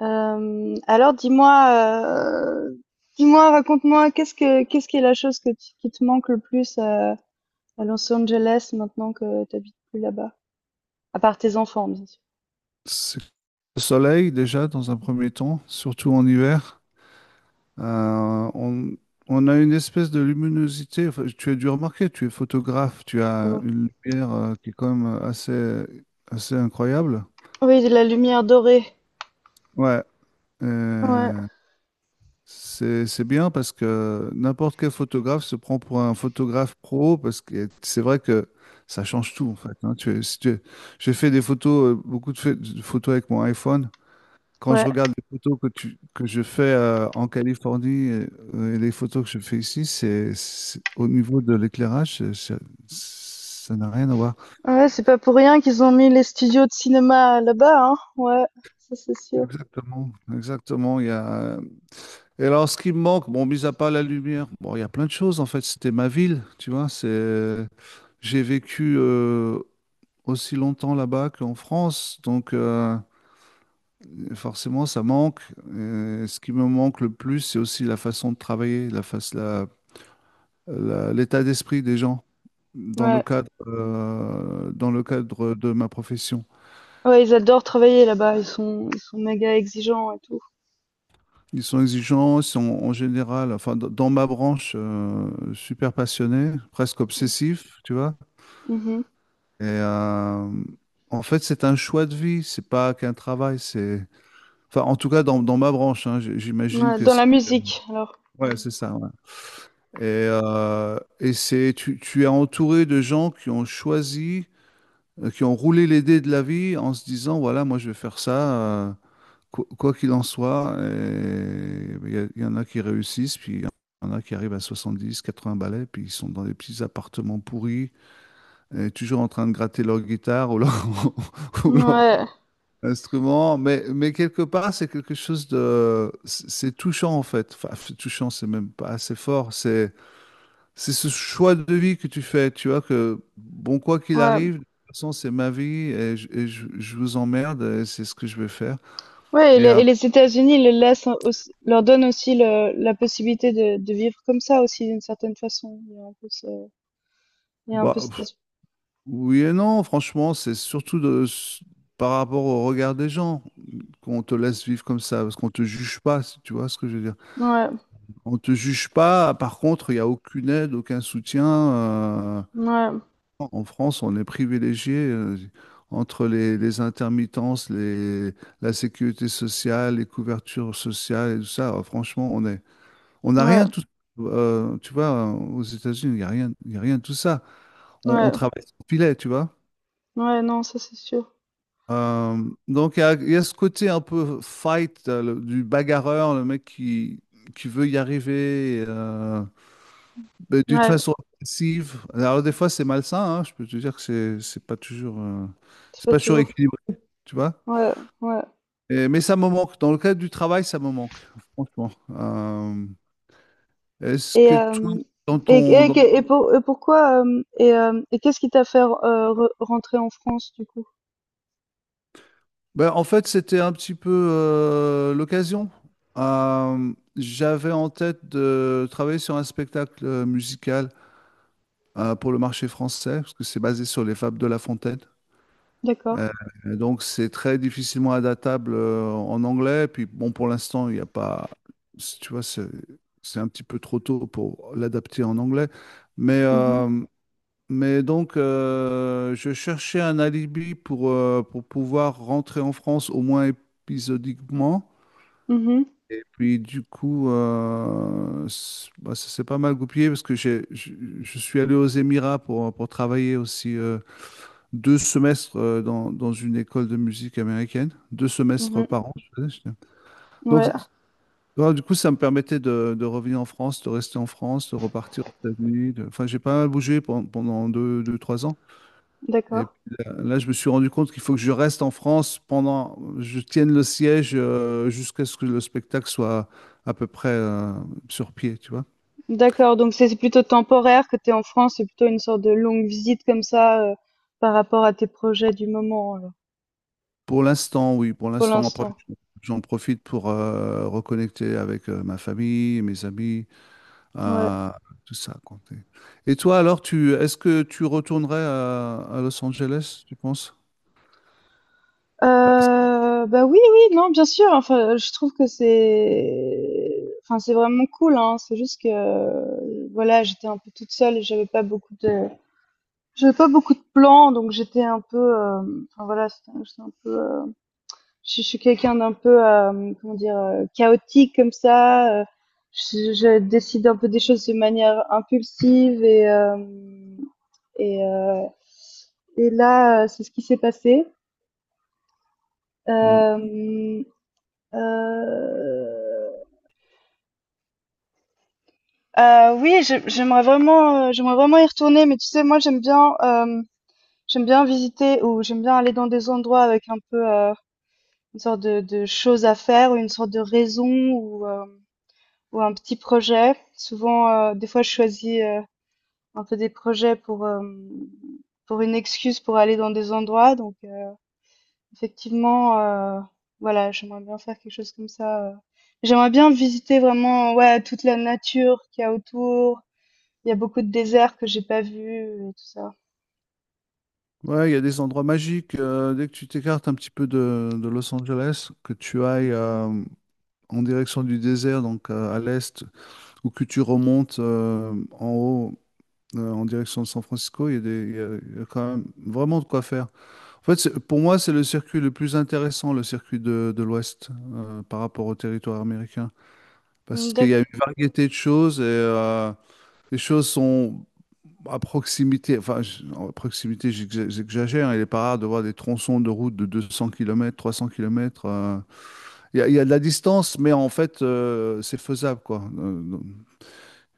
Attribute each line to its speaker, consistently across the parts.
Speaker 1: Alors dis-moi, dis-moi, raconte-moi, qu'est-ce qui est la chose que tu qui te manque le plus, à Los Angeles maintenant que tu habites plus là-bas? À part tes enfants, bien sûr.
Speaker 2: C'est le soleil déjà dans un premier temps, surtout en hiver. Euh, on, on a une espèce de luminosité. Enfin, tu as dû remarquer, tu es photographe, tu as
Speaker 1: Oh.
Speaker 2: une lumière qui est quand même assez incroyable.
Speaker 1: Oui, de la lumière dorée.
Speaker 2: Ouais,
Speaker 1: Ouais,
Speaker 2: euh, c'est bien parce que n'importe quel photographe se prend pour un photographe pro parce que c'est vrai que ça change tout, en fait, hein. Tu, si tu- J'ai fait des photos, beaucoup de photos avec mon iPhone. Quand je
Speaker 1: ouais.
Speaker 2: regarde les photos que je fais en Californie et les photos que je fais ici, au niveau de l'éclairage, ça n'a rien à voir.
Speaker 1: Ouais, c'est pas pour rien qu'ils ont mis les studios de cinéma là-bas, hein. Ouais, ça c'est sûr.
Speaker 2: Exactement, exactement. Et alors, ce qui me manque, bon, mis à part la lumière, bon, il y a plein de choses en fait. C'était ma ville, tu vois. J'ai vécu aussi longtemps là-bas qu'en France, donc forcément, ça manque. Ce qui me manque le plus, c'est aussi la façon de travailler, la face, la la- l'état d'esprit des gens dans le
Speaker 1: Ouais.
Speaker 2: cadre, euh, dans le cadre de ma profession.
Speaker 1: Ouais, ils adorent travailler là-bas, ils sont méga exigeants et tout.
Speaker 2: Ils sont exigeants, ils sont en général, enfin, dans ma branche, super passionnés, presque
Speaker 1: Mhm.
Speaker 2: obsessifs, tu vois. Et en fait, c'est un choix de vie, c'est pas qu'un travail, c'est. Enfin, en tout cas, dans ma branche, hein, j'imagine
Speaker 1: Ouais,
Speaker 2: que
Speaker 1: dans
Speaker 2: si.
Speaker 1: la musique alors.
Speaker 2: Ouais, c'est ça, ouais. Et tu es entouré de gens qui ont choisi, qui ont roulé les dés de la vie en se disant, voilà, moi je vais faire ça. euh, quoi qu'il en soit, il y en a qui réussissent, puis il y en a qui arrivent à 70 80 ballets, puis ils sont dans des petits appartements pourris, toujours en train de gratter leur guitare ou leur, ou leur
Speaker 1: Ouais,
Speaker 2: instrument. Mais quelque part, c'est quelque chose de... C'est touchant, en fait. Enfin, c'est touchant, c'est même pas assez fort. C'est ce choix de vie que tu fais, tu vois, que, bon, quoi qu'il
Speaker 1: ouais.
Speaker 2: arrive, de toute façon, c'est ma vie, je vous emmerde, et c'est ce que je vais faire.
Speaker 1: Ouais,
Speaker 2: Et,
Speaker 1: et les États-Unis le laissent aussi, leur donnent aussi la possibilité de vivre comme ça aussi d'une certaine façon. Il y a un peu ce, il y a un peu
Speaker 2: bah, oui et non, franchement, c'est surtout par rapport au regard des gens qu'on te laisse vivre comme ça, parce qu'on te juge pas, si tu vois ce que je veux dire.
Speaker 1: ouais,
Speaker 2: On te juge pas, par contre, il n'y a aucune aide, aucun soutien.
Speaker 1: ouais,
Speaker 2: En France, on est privilégié entre les intermittences, la sécurité sociale, les couvertures sociales et tout ça. Franchement, on est, on n'a
Speaker 1: ouais,
Speaker 2: rien tout, tu vois, aux États-Unis, il n'y a rien, il y a rien de tout ça. On
Speaker 1: ouais,
Speaker 2: travaille sans filet, tu vois.
Speaker 1: ouais, non, ça c'est sûr.
Speaker 2: Euh, donc, il y a ce côté un peu fight, du bagarreur, le mec qui veut y arriver, mais d'une
Speaker 1: Ouais,
Speaker 2: façon agressive. Alors, des fois, c'est malsain, hein, je peux te dire que c'est pas toujours,
Speaker 1: c'est
Speaker 2: c'est
Speaker 1: pas
Speaker 2: pas toujours
Speaker 1: toujours.
Speaker 2: équilibré, tu vois.
Speaker 1: Ouais, ouais.
Speaker 2: Mais ça me manque. Dans le cadre du travail, ça me manque, franchement. Euh, Est-ce
Speaker 1: Et
Speaker 2: que toi,
Speaker 1: euh,
Speaker 2: dans ton, dans
Speaker 1: et pour, pourquoi et qu'est-ce qui t'a fait rentrer en France du coup?
Speaker 2: ben, en fait, c'était un petit peu l'occasion. J'avais en tête de travailler sur un spectacle musical pour le marché français, parce que c'est basé sur les fables de La Fontaine.
Speaker 1: D'accord.
Speaker 2: Euh, et donc, c'est très difficilement adaptable en anglais. Puis, bon, pour l'instant, il n'y a pas. Tu vois, c'est un petit peu trop tôt pour l'adapter en anglais. Mais.
Speaker 1: Mhm,
Speaker 2: euh, mais donc, je cherchais un alibi pour pouvoir rentrer en France au moins épisodiquement. Et puis, du coup, bah, ça s'est pas mal goupillé parce que je suis allé aux Émirats pour travailler aussi deux semestres dans une école de musique américaine. Deux semestres
Speaker 1: mhm,
Speaker 2: par an.
Speaker 1: mhm.
Speaker 2: Donc,
Speaker 1: Ouais,
Speaker 2: voilà, du coup, ça me permettait de revenir en France, de rester en France, de repartir aux États-Unis. Enfin, j'ai pas mal bougé pendant deux, trois ans. Et
Speaker 1: d'accord.
Speaker 2: puis là, là, je me suis rendu compte qu'il faut que je reste en France pendant, je tienne le siège jusqu'à ce que le spectacle soit à peu près sur pied, tu vois.
Speaker 1: D'accord, donc c'est plutôt temporaire que tu es en France, c'est plutôt une sorte de longue visite comme ça par rapport à tes projets du moment alors,
Speaker 2: Pour l'instant, oui, pour
Speaker 1: pour
Speaker 2: l'instant, après,
Speaker 1: l'instant.
Speaker 2: j'en profite pour reconnecter avec ma famille, mes amis,
Speaker 1: Ouais.
Speaker 2: euh, tout ça, quoi. Et toi, alors, est-ce que tu retournerais à Los Angeles, tu penses? Bah.
Speaker 1: Bah oui, oui, non, bien sûr. Enfin, je trouve que c'est, enfin, c'est vraiment cool, hein. C'est juste que, voilà, j'étais un peu toute seule et j'avais pas beaucoup de, j'avais pas beaucoup de plans, donc j'étais un peu, enfin voilà, j'étais un peu je suis quelqu'un d'un peu, comment dire, chaotique comme ça. Je décide un peu des choses de manière impulsive et et là, c'est ce qui s'est passé.
Speaker 2: Hmm.
Speaker 1: Euh, euh, oui, j'aimerais vraiment y retourner, mais tu sais, moi, j'aime bien visiter ou j'aime bien aller dans des endroits avec un peu une sorte de choses à faire ou une sorte de raison ou euh, ou un petit projet. Souvent, des fois, je choisis, un peu des projets pour, pour une excuse pour aller dans des endroits. Donc, effectivement, voilà, j'aimerais bien faire quelque chose comme ça, J'aimerais bien visiter vraiment, ouais, toute la nature qu'il y a autour. Il y a beaucoup de déserts que j'ai pas vus et tout ça.
Speaker 2: Ouais, il y a des endroits magiques. Dès que tu t'écartes un petit peu de Los Angeles, que tu ailles en direction du désert, donc à l'est, ou que tu remontes en haut en direction de San Francisco, il y a des, il y a quand même vraiment de quoi faire. En fait, pour moi, c'est le circuit le plus intéressant, le circuit de l'Ouest, par rapport au territoire américain,
Speaker 1: Mmh,
Speaker 2: parce qu'il y
Speaker 1: d'acc
Speaker 2: a une variété de choses et les choses sont à proximité, enfin, à proximité, j'exagère, hein, il est pas rare de voir des tronçons de route de 200 km, 300 km. Il y a de la distance, mais en fait, c'est faisable, quoi. Donc,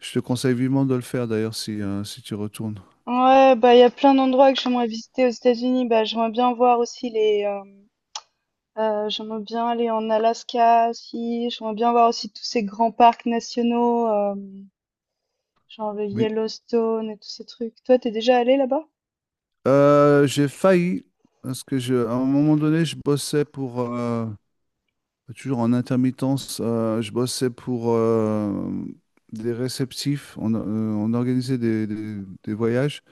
Speaker 2: je te conseille vivement de le faire, d'ailleurs, si tu retournes.
Speaker 1: ouais, bah, il y a plein d'endroits que j'aimerais visiter aux États-Unis. Bah, j'aimerais bien voir aussi les, hem j'aimerais bien aller en Alaska aussi. J'aimerais bien voir aussi tous ces grands parcs nationaux, genre le
Speaker 2: Oui.
Speaker 1: Yellowstone et tous ces trucs. Toi, t'es déjà allé là-bas?
Speaker 2: J'ai failli, parce que à un moment donné, je bossais pour, toujours en intermittence, je bossais pour des réceptifs. On organisait des voyages.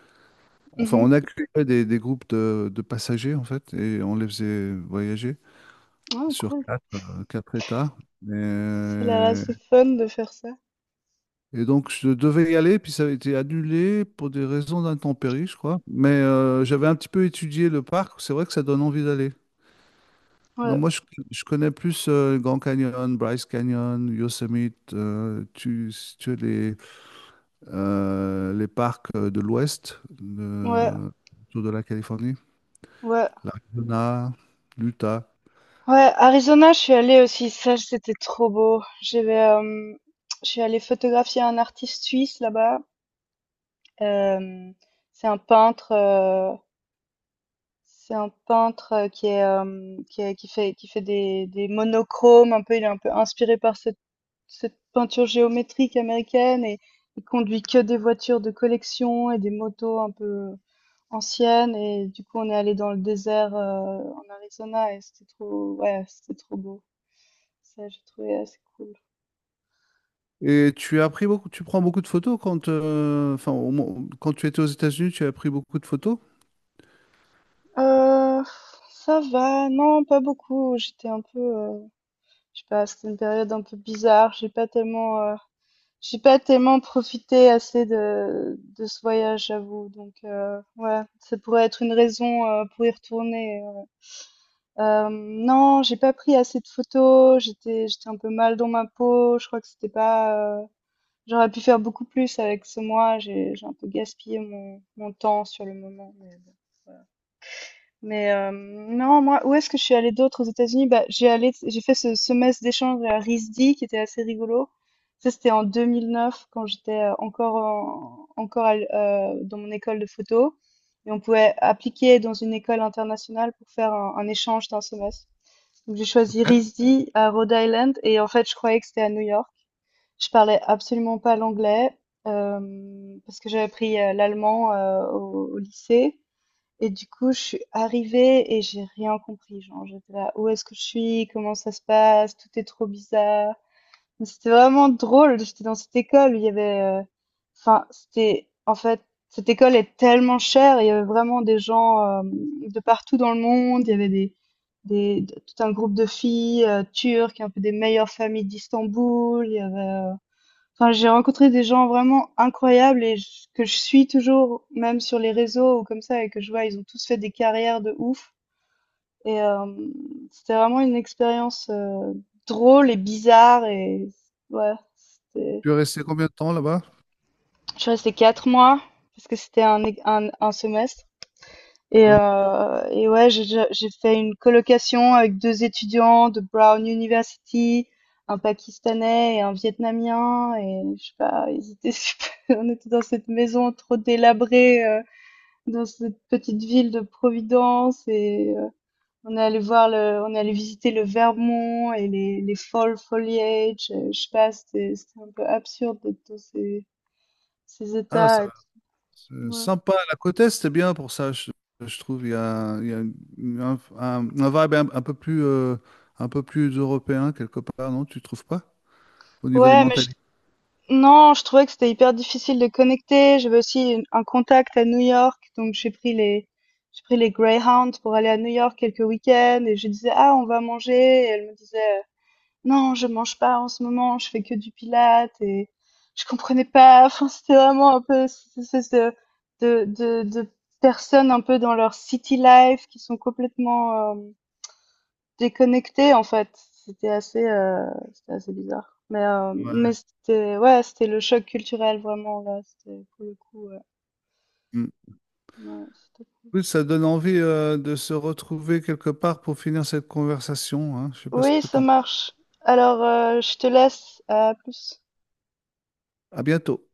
Speaker 2: Enfin,
Speaker 1: Mhm.
Speaker 2: on accueillait des groupes de passagers, en fait, et on les faisait voyager
Speaker 1: Ah,
Speaker 2: sur
Speaker 1: cool.
Speaker 2: quatre États.
Speaker 1: C'est là,
Speaker 2: Et
Speaker 1: c'est fun de faire ça.
Speaker 2: Et donc, je devais y aller, puis ça a été annulé pour des raisons d'intempéries, je crois. Mais j'avais un petit peu étudié le parc. C'est vrai que ça donne envie d'aller.
Speaker 1: Ouais,
Speaker 2: Moi, je connais plus Grand Canyon, Bryce Canyon, Yosemite, si tu as les parcs de l'Ouest,
Speaker 1: ouais,
Speaker 2: autour de la Californie,
Speaker 1: ouais.
Speaker 2: l'Arizona, l'Utah.
Speaker 1: Ouais, Arizona, je suis allée aussi. Ça, c'était trop beau. J'avais, je suis allée photographier un artiste suisse là-bas. Euh, c'est un peintre. C'est un peintre, qui est, qui est qui fait des monochromes un peu, il est un peu inspiré par cette cette peinture géométrique américaine et il conduit que des voitures de collection et des motos un peu anciennes et du coup, on est allé dans le désert, en Arizona et c'était trop ouais, c'était trop beau. Ça, j'ai trouvé assez cool.
Speaker 2: Et tu as pris beaucoup, tu prends beaucoup de photos quand, enfin, quand tu étais aux États-Unis, tu as pris beaucoup de photos.
Speaker 1: Heu, ça va, non, pas beaucoup. Je sais pas, c'était une période un peu bizarre. J'ai pas tellement profité assez de ce voyage, j'avoue. Donc, ouais, ça pourrait être une raison, pour y retourner. Non, j'ai pas pris assez de photos. J'étais un peu mal dans ma peau. Je crois que c'était pas, j'aurais pu faire beaucoup plus avec ce mois. J'ai un peu gaspillé mon temps sur le moment. Mais bon. Mais non, moi, où est-ce que je suis allée d'autre aux États-Unis? Bah, j'ai allé, j'ai fait ce semestre d'échange à RISD qui était assez rigolo. Ça, c'était en 2009 quand j'étais encore à dans mon école de photo. Et on pouvait appliquer dans une école internationale pour faire un échange d'un semestre. Donc, j'ai choisi RISD à Rhode Island et en fait, je croyais que c'était à New York. Je parlais absolument pas l'anglais parce que j'avais appris l'allemand au lycée. Et du coup, je suis arrivée et j'ai rien compris. Genre, j'étais là, où est-ce que je suis? Comment ça se passe? Tout est trop bizarre. Mais c'était vraiment drôle. J'étais dans cette école où il y avait, enfin, c'était, en fait, cette école est tellement chère. Il y avait vraiment des gens de partout dans le monde. Il y avait des, tout un groupe de filles turques, un peu des meilleures familles d'Istanbul. Il y avait, enfin, j'ai rencontré des gens vraiment incroyables et que je suis toujours, même sur les réseaux ou comme ça, et que je vois, ils ont tous fait des carrières de ouf. Et c'était vraiment une expérience drôle et bizarre. Et ouais,
Speaker 2: Tu es resté combien de temps là-bas?
Speaker 1: je suis restée 4 mois parce que c'était un semestre. Et
Speaker 2: D'accord.
Speaker 1: ouais, j'ai fait une colocation avec 2 étudiants de Brown University, un Pakistanais et un Vietnamien et je sais pas, ils étaient super on était dans cette maison trop délabrée, dans cette petite ville de Providence et on est allé visiter le Vermont et les fall foliage, je sais pas, c'était un peu absurde d'être dans ces ces
Speaker 2: Ah.
Speaker 1: états ouais.
Speaker 2: Sympa, la côte Est, c'est bien pour ça, je trouve. Il y a un vibe un peu plus européen, quelque part, non? Tu trouves pas? Au niveau des
Speaker 1: Ouais, mais
Speaker 2: mentalités.
Speaker 1: non, je trouvais que c'était hyper difficile de connecter. J'avais aussi un contact à New York, donc j'ai pris les Greyhounds pour aller à New York quelques week-ends et je disais ah on va manger et elle me disait non je mange pas en ce moment, je fais que du pilates et je comprenais pas. Enfin c'était vraiment un peu cette espèce de de personnes un peu dans leur city life qui sont complètement déconnecté en fait, c'était assez bizarre.
Speaker 2: Ouais.
Speaker 1: Mais c'était ouais, c'était le choc culturel vraiment là, c'était pour le coup, ouais.
Speaker 2: Mm.
Speaker 1: Ouais, c'était cool.
Speaker 2: Oui, ça donne envie de se retrouver quelque part pour finir cette conversation, hein. Je sais pas ce
Speaker 1: Oui,
Speaker 2: que
Speaker 1: ça
Speaker 2: t'en...
Speaker 1: marche. Alors, je te laisse, à plus.
Speaker 2: À bientôt.